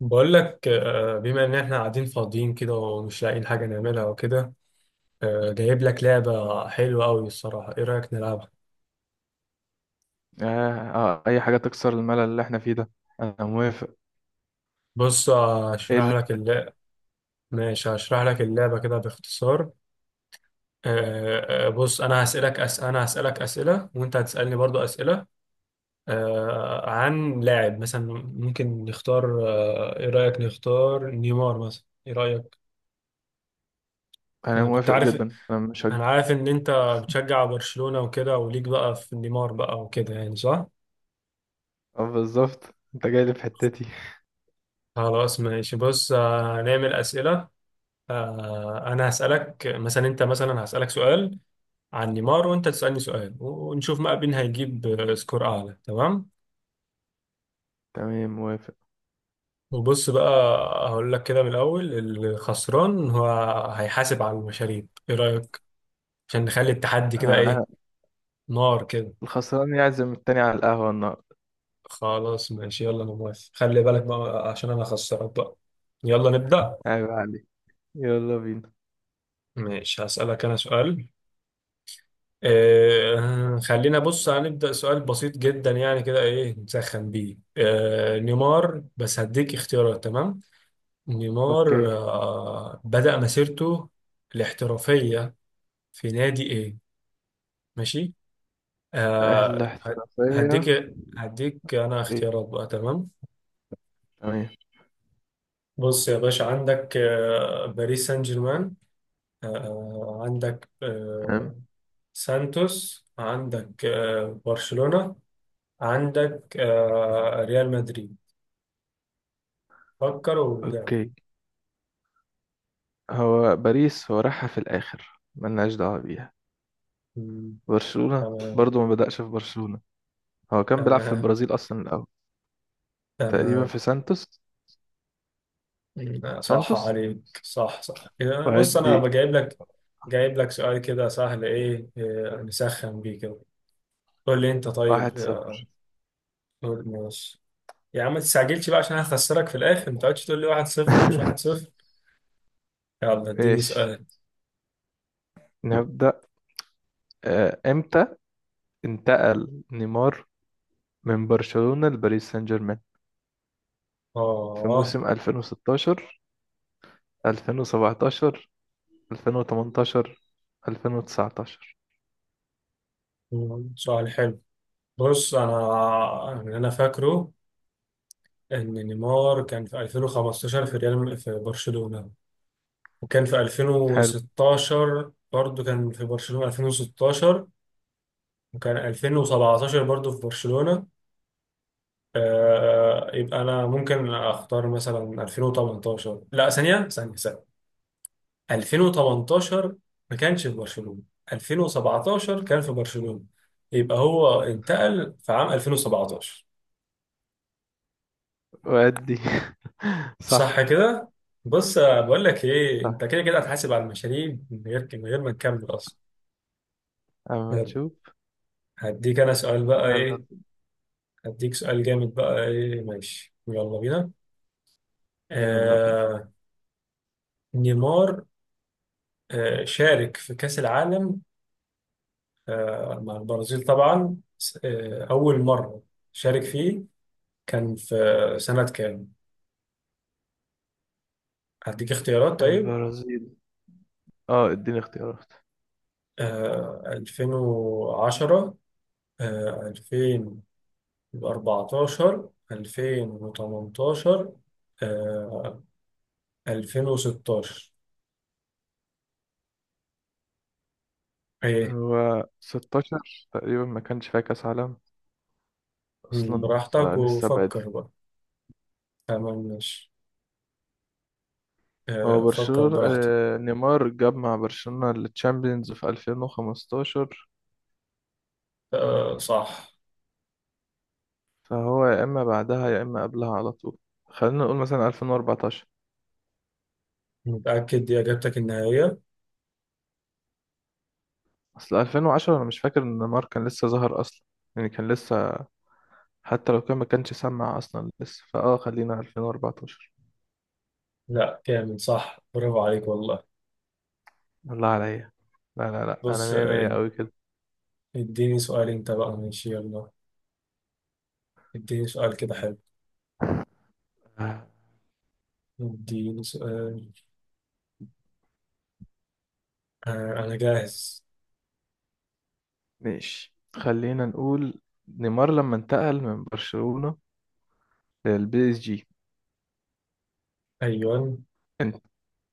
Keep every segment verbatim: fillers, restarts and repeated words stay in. بقول لك، آه، بما ان احنا قاعدين فاضيين كده ومش لاقيين حاجه نعملها وكده. آه، جايب لك لعبه حلوه قوي الصراحه، ايه رايك نلعبها؟ آه. آه، أي حاجة تكسر الملل اللي احنا فيه ده. أنا موافق. بص، إيه هشرح اللي لك اللعبه. ماشي، هشرح لك اللعبه كده باختصار. آه، آه، آه، بص، انا هسالك أس... انا هسالك اسئله، وانت هتسالني برضو اسئله، آه، عن لاعب مثلا. ممكن نختار، آه، ايه رايك نختار نيمار مثلا؟ ايه رايك؟ أنا انا كنت موافق عارف جدا. أنا مش هج... انا عارف ان انت بتشجع برشلونه وكده، وليك بقى في نيمار بقى وكده يعني، صح؟ آه، بالظبط. أنت جاي لي في حتتي. خلاص ماشي. بص، آه، نعمل أسئلة. آه، أنا هسألك مثلا، أنت مثلا هسألك سؤال عن نيمار، وأنت تسألني سؤال، ونشوف بقى مين هيجيب آه، سكور أعلى، تمام. تمام، موافق. وبص بقى، هقول لك كده من الأول: الخسران هو هيحاسب على المشاريب، إيه رأيك؟ عشان نخلي التحدي آه، كده، إيه، آه، نار كده. الخسران يعزم التاني على القهوة النهاردة. خلاص ماشي، يلا أنا موافق. خلي بالك بقى عشان أنا خسران بقى. يلا نبدأ. عيب عليك. يلا بينا. ماشي، هسألك أنا سؤال. آه خلينا، بص، هنبدأ سؤال بسيط جدا يعني كده، ايه، نسخن بيه آه نيمار، بس هديك اختيارات، تمام. نيمار أوكي. آه بدأ مسيرته الاحترافية في نادي ايه؟ ماشي. أهل آه ه- الاحترافية. هديك هديك انا أوكي. اختيارات بقى، تمام. تمام. بص يا باشا، عندك آه باريس سان جيرمان، آه عندك تمام. آه سانتوس، عندك آه برشلونة، عندك آه ريال مدريد. فكر وارجع. أوكي. هو باريس، هو راحها في الآخر ملناش دعوة بيها. مم. برشلونة تمام. برضو ما بدأش في برشلونة. هو كان بيلعب في تمام. البرازيل أصلا الأول. تقريبا تمام. في سانتوس. مم. آه، صح سانتوس. عليك، صح صح يعني. بص، انا وهدي. بجايب لك، جايب لك سؤال كده سهل، ايه، آه، نسخن بيه كده. قول لي انت طيب، واحد صفر. آه، قول ماشي. يا عم، ما تستعجلش بقى عشان هخسرك في الاخر. ما تقعدش تقول لي واحد صفر ومش واحد صفر. يلا اديني ماشي، سؤال. نبدأ. آه، امتى انتقل نيمار من برشلونة لباريس سان جيرمان؟ في اه. موسم ألفين وستاشر، ألفين وسبعتاشر، ألفين وتمنتاشر، ألفين وتسعتاشر؟ مم، سؤال حلو. بص، انا اللي انا فاكره ان نيمار كان في ألفين وخمسة عشر في ريال في برشلونة، وكان في حلو. ألفين وستاشر برضو، كان في برشلونة ألفين وستاشر، وكان ألفين وسبعة عشر برضو في برشلونة. آه يبقى أنا ممكن أختار مثلا ألفين وثمانية عشر. لا، ثانية ثانية ثانية. ألفين وتمنتاشر ما كانش في برشلونة، ألفين وسبعتاشر كان في برشلونة، يبقى هو انتقل في عام ألفين وسبعتاشر. وأدي. صح صح. كده؟ بص، آه، بقول لك ايه، انت كده كده هتحاسب على المشاريب من غير من غير ما نكمل اصلا. اما يلا. نشوف. هديك انا سؤال بقى، يلا. ايه، هديك سؤال جامد بقى، ايه، ماشي، يلا بينا. يلا بينا. آه نيمار آه شارك في كأس العالم آه مع البرازيل طبعا، س- آه أول مرة شارك فيه كان في سنة كام؟ هديك اختيارات، طيب. البرازيل. اه، اديني اختيارات. آه ألفين وعشرة، آه ألفين واربعتاشر، ألفين وتمنتاشر، آه ألفين وستاشر. ايه، هو ستة عشر تقريبا ما كانش فيها كأس عالم اصلا، براحتك فنستبعد. وفكر بقى. تمام ماشي. هو آه، فكر برشلونة، براحتك. آه، نيمار جاب مع برشلونة التشامبيونز في ألفين وخمستاشر، آه، صح. فهو يا إما بعدها يا إما قبلها على طول. خلينا نقول مثلا ألفين وأربعتاشر. متأكد دي إجابتك النهائية؟ أصل ألفين وعشرة أنا مش فاكر إن نيمار كان لسه ظهر أصلا، يعني كان لسه، حتى لو كان ما كانش سمع أصلا لسه، فأه خلينا ألفين وأربعة عشر. لا كامل صح، برافو عليك والله. الله عليا. لا، لا، لا، أنا بص، مية مية آه، أوي كده. اديني سؤال أنت بقى، ماشي يلا. اديني سؤال كده حلو. آه، اديني سؤال، آه، أنا جاهز. ماشي، خلينا نقول نيمار لما انتقل من برشلونة للبي اس جي، أيوه.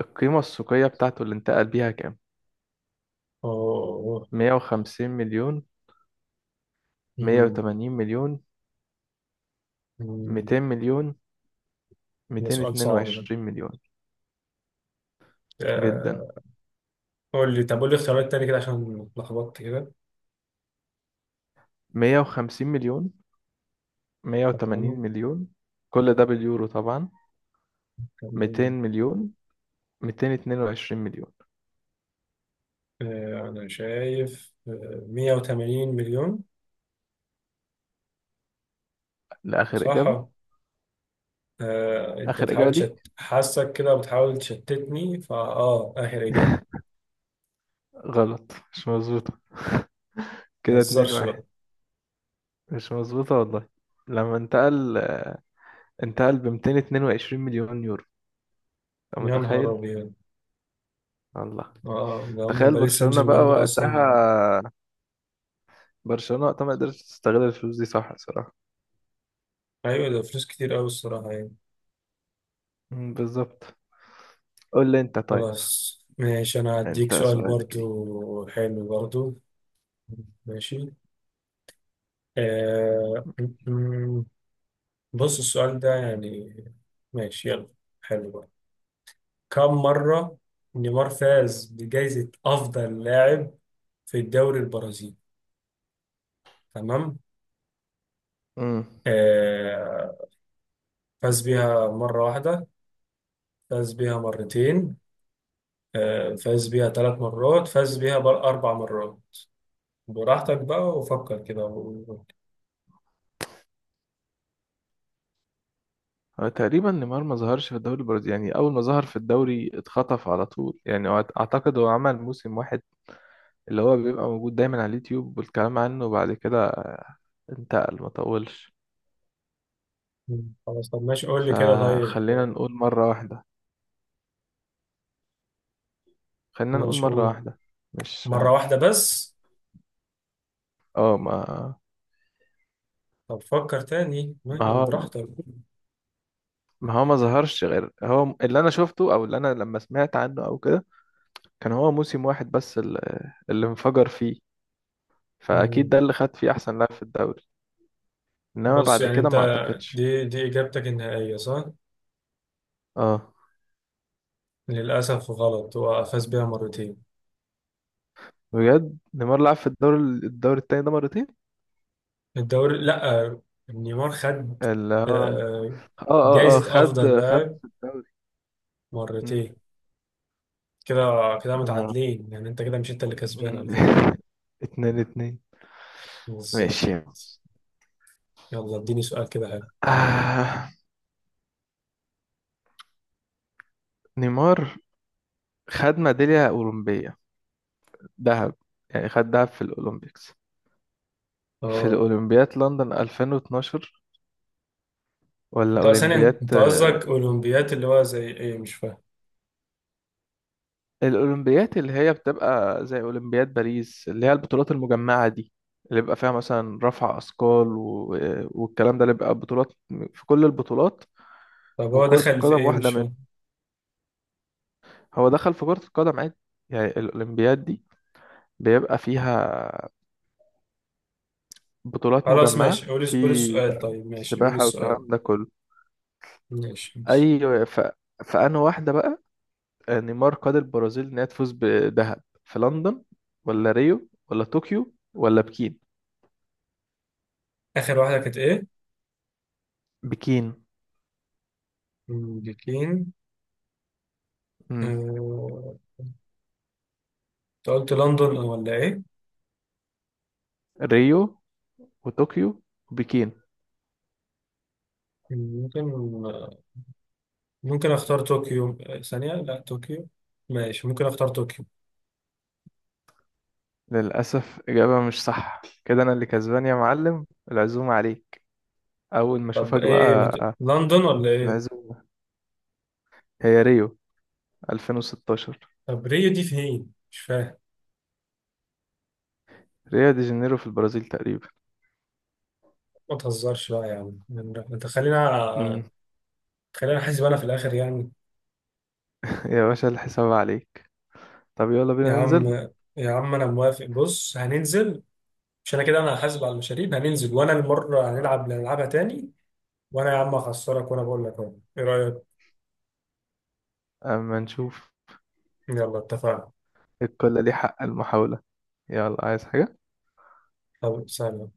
القيمة السوقية بتاعته اللي انتقل بيها كام؟ أوه. مية وخمسين مليون؟ مية مم، وتمانين مليون مم. ميتين مليون؟ ده ميتين سؤال اتنين صعب ده. وعشرين مليون جدا. آه، قول لي، طب قول لي اختيارات تاني كده عشان اتلخبطت كده. مية وخمسين مليون، مية وتمانين تمام. مليون، كل ده باليورو طبعا، ميتين تمام. مليون ميتين اتنين وعشرين مليون. آه، أنا شايف آه، مية وتمانين مليون. لآخر إجابة. صح؟ آه، انت آخر بتحاول إجابة ليك. تشت حاسك كده، بتحاول تشتتني. فا، اه اخر اجابه. غلط، مش مظبوطة. ما كده اتنين تهزرش بقى. واحد مش مظبوطة والله. لما انتقل، انتقل بميتين اتنين وعشرين مليون يورو. أنت يا نهار متخيل؟ ابيض. الله. اه آه، ده هم تخيل باريس سان برشلونة بقى جيرمان دول وقتها. اصلا. برشلونة وقتها ما قدرتش تستغل الفلوس دي، صح الصراحة. ايوه، ده فلوس كتير قوي الصراحه يعني. مم، بالظبط. قول لي انت طيب. خلاص ماشي، انا هديك انت سؤال سؤالك ايه؟ برضو حلو برضو. ماشي. آه م- م- بص، السؤال ده يعني، ماشي يلا، حلو بقى. كم مره نيمار فاز بجائزه افضل لاعب في الدوري البرازيلي؟ تمام. امم. آه، فاز بيها مرة واحدة، فاز بيها مرتين، آه، فاز بيها ثلاث مرات، فاز بيها بر- أربع مرات. براحتك بقى وفكر كده و- هو تقريبا نيمار ما ظهرش في الدوري البرازيلي، يعني اول ما ظهر في الدوري اتخطف على طول، يعني هو اعتقد هو عمل موسم واحد اللي هو بيبقى موجود دايما على اليوتيوب والكلام عنه، وبعد كده انتقل. ما طولش. خلاص. طب ماشي، قول لي كده، طيب فخلينا نقول مرة واحدة. خلينا نقول ماشي، مرة قول. واحدة. مش مرة واحدة بس؟ اه ما طب فكر تاني، ما ماشي، هو براحتك. ما هو ما ظهرش غير هو اللي انا شفته او اللي انا لما سمعت عنه او كده. كان هو موسم واحد بس، ال- اللي انفجر فيه، فأكيد مم. ده اللي خد فيه أحسن لاعب في الدوري. إنما بص بعد يعني كده انت، ما أعتقدش. دي دي إجابتك النهائية، صح؟ اه، للأسف غلط، هو فاز بيها مرتين. بجد نيمار لعب في الدوري الدوري التاني ده مرتين؟ الدوري، لأ، نيمار خد اللي هو اه آه، اه اه جايزة أفضل خد خد لاعب في الدوري. مم. مرتين. كده كده أنا عارف. متعادلين يعني، انت كده مش انت اللي كسبان مم. على فكرة. اتنين اتنين. بالظبط. ماشي. يلا اديني سؤال كده حلو. آه. نيمار خد ميدالية أولمبية ذهب، يعني خد دهب في الأولمبيكس، في اه، الأولمبياد لندن ألفين واتناشر ولا انت ثانية، أولمبياد. انت قصدك اولمبيات اللي هو زي ايه، مش فاهم. الأولمبيات اللي هي بتبقى زي أولمبياد باريس، اللي هي البطولات المجمعة دي، اللي بيبقى فيها مثلا رفع أثقال و... والكلام ده، اللي بيبقى بطولات في كل البطولات، طب هو وكرة دخل في القدم ايه، واحدة مش منهم. فاهم. هو دخل في كرة القدم عادي. يعني الأولمبياد دي بيبقى فيها بطولات خلاص ماشي، مجمعة قول في قول السؤال، طيب ماشي، قول سباحة السؤال، والكلام ده كله. ماشي ماشي. أي، ف... فأنا واحدة بقى. نيمار قاد البرازيل إنها تفوز بذهب في لندن ولا ريو ولا طوكيو ولا بكين؟ اخر واحدة كانت ايه؟ بكين. امريكين؟ مم. آه، انت قلت لندن أو ولا ايه؟ ريو وطوكيو وبكين. ممكن ممكن اختار طوكيو، آه، ثانية، لا طوكيو، ماشي، ممكن اختار طوكيو. للأسف إجابة مش صح، كده أنا اللي كسبان يا معلم. العزومة عليك أول ما طب أشوفك ايه، بقى. مت... لندن ولا ايه؟ العزومة. هي ريو ألفين وستاشر. طب ريو دي فين؟ مش فاهم. ريو دي جانيرو في البرازيل تقريبا. ما تهزرش بقى يا عم. انت خلينا مم. خلينا احاسب انا في الاخر يعني. يا باشا الحساب عليك. طب يلا يا بينا عم، ننزل. يا عم، انا موافق، بص هننزل. مش انا كده، انا هحاسب على المشاريب، هننزل وانا المره هنلعب اللي هنلعبها تاني. وانا يا عم هخسرك وانا بقول لك اهو، ايه رايك؟ أما نشوف. يلا اتفقنا. الكل ليه حق المحاولة. يلا، عايز حاجة؟ طب سلام.